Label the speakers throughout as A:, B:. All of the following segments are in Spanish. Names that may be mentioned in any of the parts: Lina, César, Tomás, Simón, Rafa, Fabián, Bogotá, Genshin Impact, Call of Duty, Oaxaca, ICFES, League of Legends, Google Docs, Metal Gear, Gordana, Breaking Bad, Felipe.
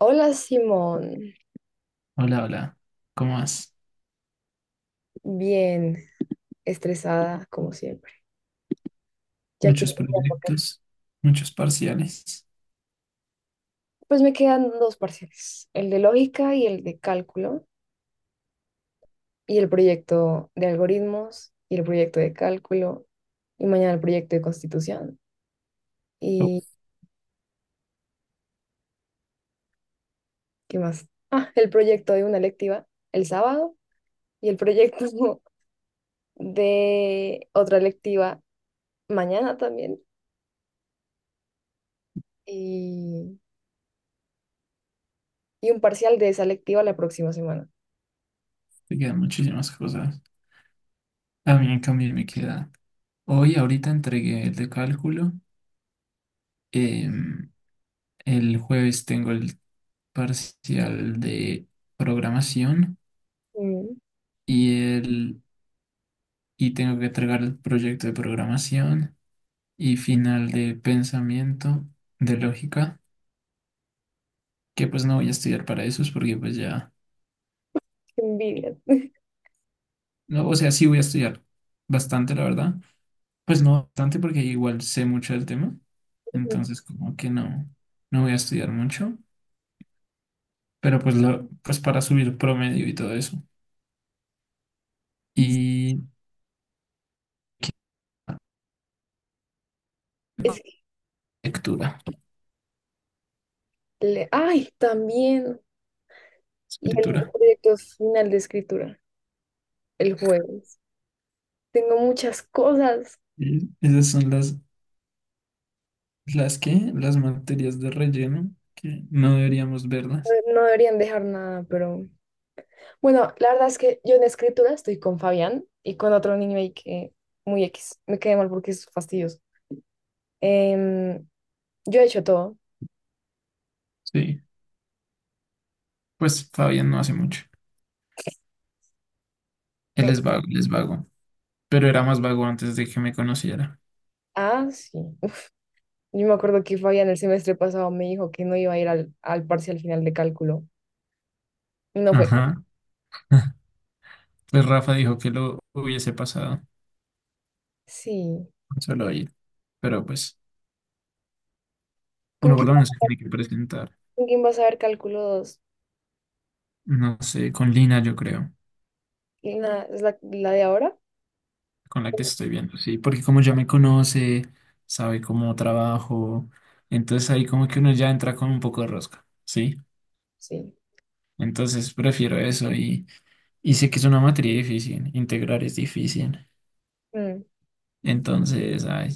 A: Hola Simón,
B: Hola, hola. ¿Cómo vas?
A: bien estresada como siempre. Ya que
B: Muchos proyectos, muchos parciales.
A: pues me quedan dos parciales, el de lógica y el de cálculo, y el proyecto de algoritmos y el proyecto de cálculo, y mañana el proyecto de constitución. ¿Y
B: Uf,
A: qué más? Ah, el proyecto de una electiva el sábado y el proyecto de otra electiva mañana también, y, y un parcial de esa electiva la próxima semana.
B: te quedan muchísimas cosas. A mí, en cambio, me queda. Hoy, ahorita entregué el de cálculo. em, el jueves tengo el parcial de programación
A: Mm,
B: y el y tengo que entregar el proyecto de programación y final de pensamiento de lógica, que pues no voy a estudiar para esos porque pues ya,
A: qué envidia.
B: no, o sea, sí voy a estudiar bastante, la verdad. Pues no bastante porque igual sé mucho del tema, entonces como que no, no voy a estudiar mucho, pero pues para subir promedio y todo eso. Y
A: Es
B: lectura,
A: Ay, también. Y el
B: escritura.
A: proyecto final de escritura, el jueves. Tengo muchas cosas.
B: Y esas son las materias de relleno que no deberíamos verlas.
A: No deberían dejar nada, pero... Bueno, la verdad es que yo en escritura estoy con Fabián y con otro niño ahí que muy X. Me quedé mal porque es fastidioso. Em, yo he hecho todo.
B: Sí, pues Fabián no hace mucho.
A: todo.
B: Él es vago, pero era más vago antes de que me conociera.
A: Ah, sí. Yo me acuerdo que Fabián el semestre pasado me dijo que no iba a ir al parcial final de cálculo. Y no fue.
B: Ajá. Pues Rafa dijo que lo hubiese pasado
A: Sí.
B: solo ahí, pero pues...
A: ¿Con
B: Bueno,
A: quién,
B: Gordana se tiene que presentar,
A: con quién vas a ver cálculo 2?
B: no sé, con Lina, yo creo,
A: ¿Lina es la de ahora?
B: con la que estoy viendo, sí, porque como ya me conoce, sabe cómo trabajo, entonces ahí como que uno ya entra con un poco de rosca, ¿sí?
A: Sí.
B: Entonces prefiero eso y sé que es una materia difícil, integrar es difícil,
A: Mm,
B: entonces, ay,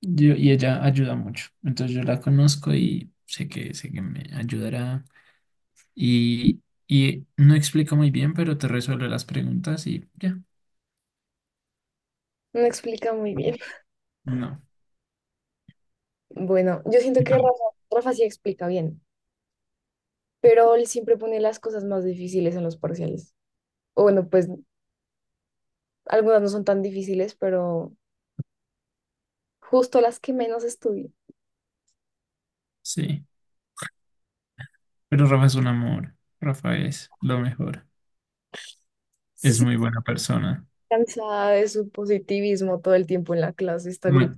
B: yo, y ella ayuda mucho, entonces yo la conozco y sé que me ayudará y no explica muy bien, pero te resuelve las preguntas y ya,
A: no explica muy bien.
B: no.
A: Bueno, yo siento
B: Y
A: que Rafa,
B: para-
A: Rafa sí explica bien, pero él siempre pone las cosas más difíciles en los parciales. O bueno, pues algunas no son tan difíciles, pero justo las que menos estudio.
B: Sí. Pero Rafa es un amor. Rafa es lo mejor.
A: Sí,
B: Es
A: sí,
B: muy buena persona.
A: cansada de su positivismo todo el tiempo en la clase, está gritando
B: Ma-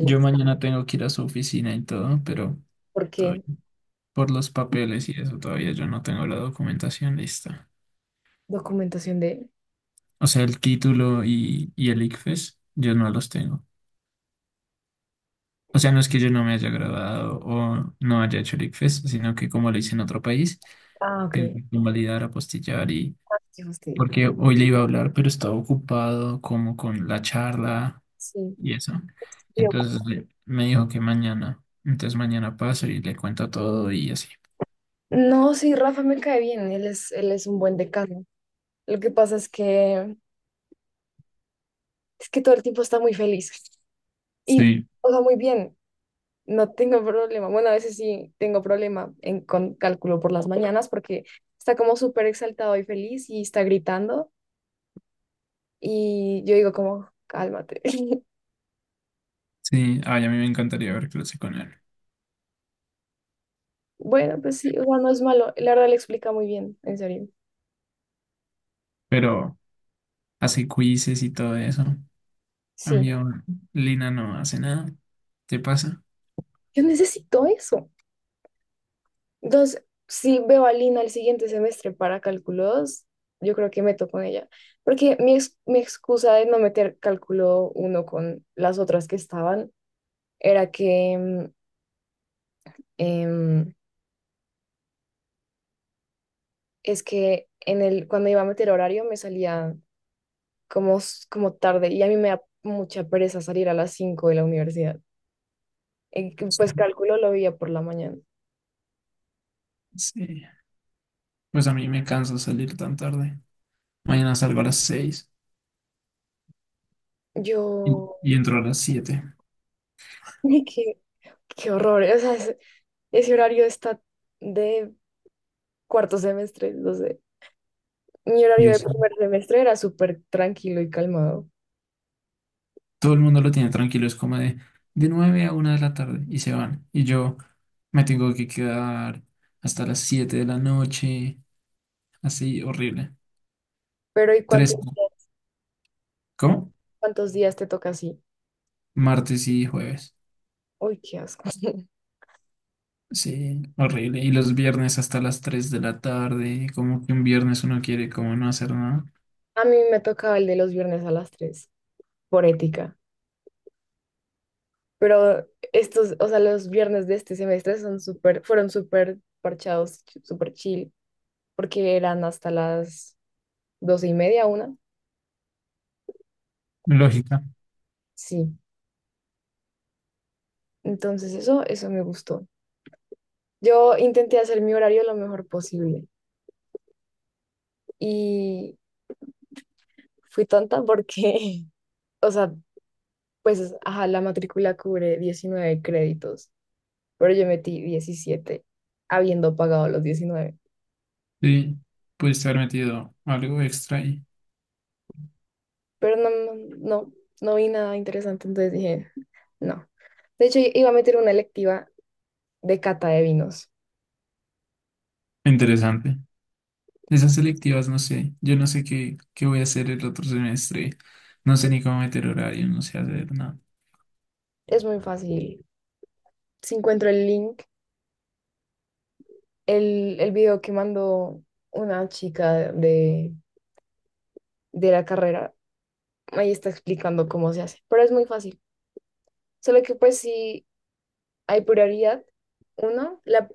B: yo mañana tengo que ir a su oficina y todo, pero
A: ¿Por qué?
B: todavía- por los papeles y eso todavía yo no tengo la documentación lista.
A: Documentación de...
B: O sea, el título y el ICFES, yo no los tengo. O sea, no es que yo no me haya graduado o no haya hecho el ICFES, sino que como lo hice en otro país,
A: Ah,
B: tengo
A: ok.
B: que convalidar, apostillar y...
A: Ah, qué fastidio.
B: Porque hoy le iba a hablar, pero estaba ocupado como con la charla
A: Sí.
B: y eso.
A: Bien.
B: Entonces le- me dijo que mañana. Entonces mañana paso y le cuento todo y así.
A: No, sí, Rafa me cae bien, él es un buen decano. Lo que pasa es que todo el tiempo está muy feliz y
B: Sí,
A: todo muy bien. No tengo problema. Bueno, a veces sí tengo problema con cálculo por las mañanas porque está como súper exaltado y feliz y está gritando y yo digo como, cálmate.
B: sí. Ay, a mí me encantaría ver clase con él.
A: Bueno, pues sí, o sea, no es malo. La verdad le explica muy bien, en serio.
B: Pero hace quizzes y todo eso.
A: Sí,
B: Cambio, Lina no hace nada. ¿Te pasa?
A: yo necesito eso. Entonces, si veo a Lina el siguiente semestre para cálculo 2, yo creo que meto con ella. Porque mi excusa de no meter cálculo uno con las otras que estaban era que em, es que cuando iba a meter horario me salía como, como tarde y a mí me da mucha pereza salir a las 5 de la universidad. Pues
B: Sí.
A: cálculo lo veía por la mañana.
B: Sí. Pues a mí me cansa salir tan tarde. Mañana salgo a las 6 y,
A: Yo,
B: y entro a las siete.
A: qué, qué horror. O sea, ese horario está de cuarto semestre, no sé. Mi horario
B: Yo
A: de
B: sí.
A: primer semestre era súper tranquilo y calmado.
B: Todo el mundo lo tiene tranquilo, es como de 9 a una de la tarde y se van. Y yo me tengo que quedar hasta las 7 de la noche, así, horrible.
A: Pero ¿y cuántos
B: Tres, ¿cómo?
A: cuántos días te toca así?
B: Martes y jueves.
A: Uy, qué asco.
B: Sí, horrible. Y los viernes hasta las 3 de la tarde, como que un viernes uno quiere como no hacer nada.
A: A mí me tocaba el de los viernes a las 3 por ética. Pero estos, o sea, los viernes de este semestre fueron súper parchados, súper chill, porque eran hasta las doce y media, una.
B: Lógica.
A: Sí. Entonces eso me gustó. Yo intenté hacer mi horario lo mejor posible y fui tonta o sea, pues, ajá, la matrícula cubre 19 créditos, pero yo metí 17 habiendo pagado los 19.
B: Sí, puedes haber metido algo extra y
A: Pero no, no, no vi nada interesante, entonces dije, no. De hecho, iba a meter una electiva de cata de vinos.
B: interesante. Esas selectivas, no sé. Yo no sé qué, qué voy a hacer el otro semestre. No sé ni cómo meter horario, no sé hacer nada.
A: Es muy fácil. Si encuentro el link, el video que mandó una chica de la carrera, ahí está explicando cómo se hace. Pero es muy fácil. Solo que pues sí, Hay prioridad la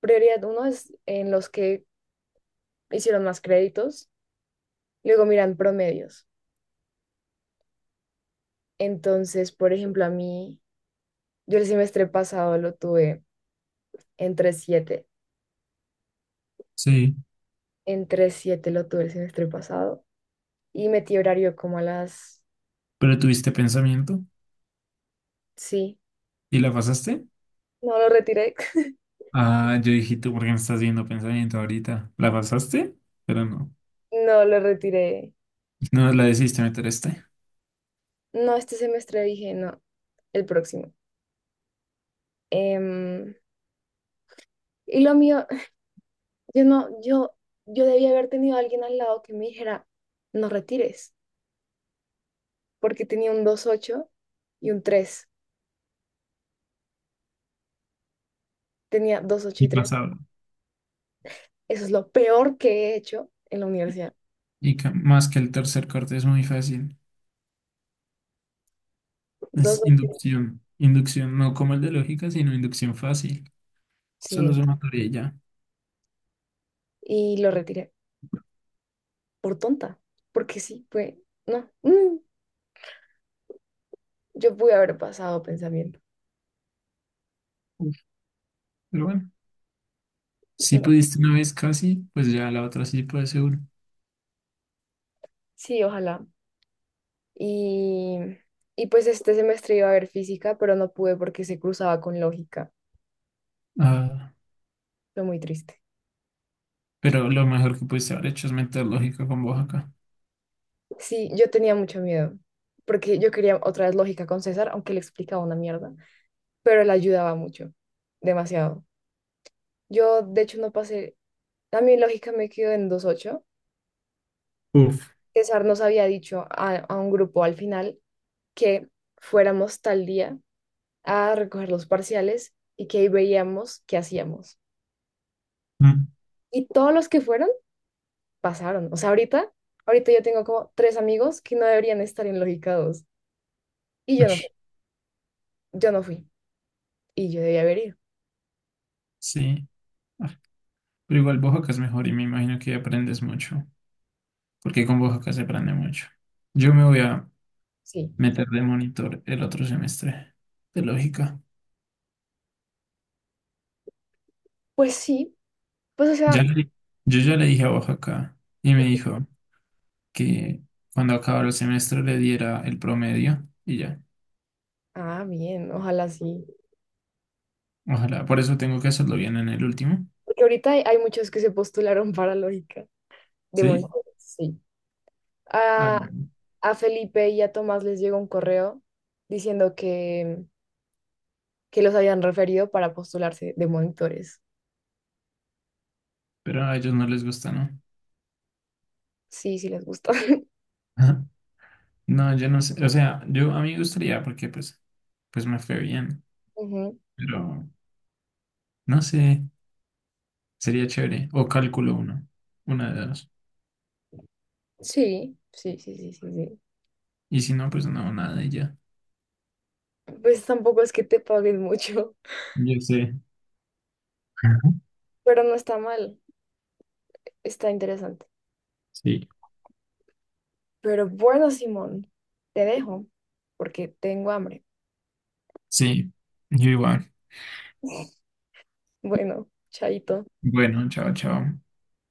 A: prioridad uno es en los que hicieron más créditos, luego miran promedios. Entonces, por ejemplo, a mí, yo el semestre pasado lo tuve en 3,7,
B: Sí,
A: en 3,7 lo tuve el semestre pasado y metí horario como a las,
B: pero tuviste pensamiento
A: sí,
B: y la pasaste.
A: no lo retiré,
B: Ah, yo dije, ¿tú por qué me estás viendo pensamiento ahorita? ¿La pasaste? Pero no.
A: no lo retiré,
B: No la decidiste meter este.
A: no, este semestre dije, no, el próximo. Em, y lo mío Yo no, yo debía haber tenido a alguien al lado que me dijera, no retires, porque tenía un 2,8 y un tres. Tenía 2,8
B: Y
A: y tres.
B: pasaba.
A: Eso es lo peor que he hecho en la universidad.
B: Y ca- más que el tercer corte es muy fácil.
A: dos
B: Es
A: ocho
B: inducción. Inducción, no como el de lógica, sino inducción fácil. Solo
A: Sí,
B: sumatoria y ya.
A: y lo retiré por tonta, porque sí, fue, no, yo pude haber pasado pensamiento.
B: Uf, pero bueno, si
A: No,
B: pudiste una vez casi, pues ya la otra sí puede ser.
A: sí, ojalá. Y, y pues este semestre iba a haber física, pero no pude porque se cruzaba con lógica.
B: Ah,
A: Fue muy triste.
B: pero lo mejor que pudiste haber hecho es meter lógica con Oaxaca.
A: Sí, yo tenía mucho miedo, porque yo quería otra vez lógica con César, aunque le explicaba una mierda, pero él ayudaba mucho, demasiado. Yo, de hecho, no pasé, a mi lógica me quedó en 2,8.
B: Uf.
A: César nos había dicho a un grupo al final que fuéramos tal día a recoger los parciales y que ahí veíamos qué hacíamos.
B: Mm.
A: Y todos los que fueron pasaron. O sea, ahorita yo tengo como tres amigos que no deberían estar en lógica 2 y
B: Ush,
A: yo no fui y yo debía haber ido.
B: sí, ah, pero igual Oaxaca es mejor y me imagino que aprendes mucho, porque con Oaxaca se aprende mucho. Yo me voy a
A: Sí,
B: meter de monitor el otro semestre de lógica.
A: pues sí, pues o
B: Ya
A: sea,
B: le- yo ya le dije a Oaxaca y me
A: y-
B: dijo que cuando acabara el semestre le diera el promedio y ya.
A: ah, bien, ojalá sí.
B: Ojalá, por eso tengo que hacerlo bien en el último,
A: Porque ahorita hay muchos que se postularon para lógica. De
B: ¿sí?
A: momento, sí.
B: Ah,
A: A, a Felipe y a Tomás les llegó un correo diciendo que los habían referido para postularse de monitores.
B: pero a ellos no les gusta, ¿no?
A: Sí, sí les gusta.
B: No, yo no sé, o sea, yo a mí me gustaría porque pues, pues me fue bien,
A: Ujú.
B: pero no sé, sería chévere. O cálculo uno, una de dos.
A: Sí, sí, sí, sí, sí, sí.
B: Y si no, pues no, nada y ya.
A: Pues tampoco es que te paguen mucho,
B: Yo sé.
A: pero no está mal, está interesante.
B: Sí,
A: Pero bueno, Simón, te dejo porque tengo hambre.
B: sí, yo igual.
A: Bueno, chaito.
B: Bueno, chao, chao.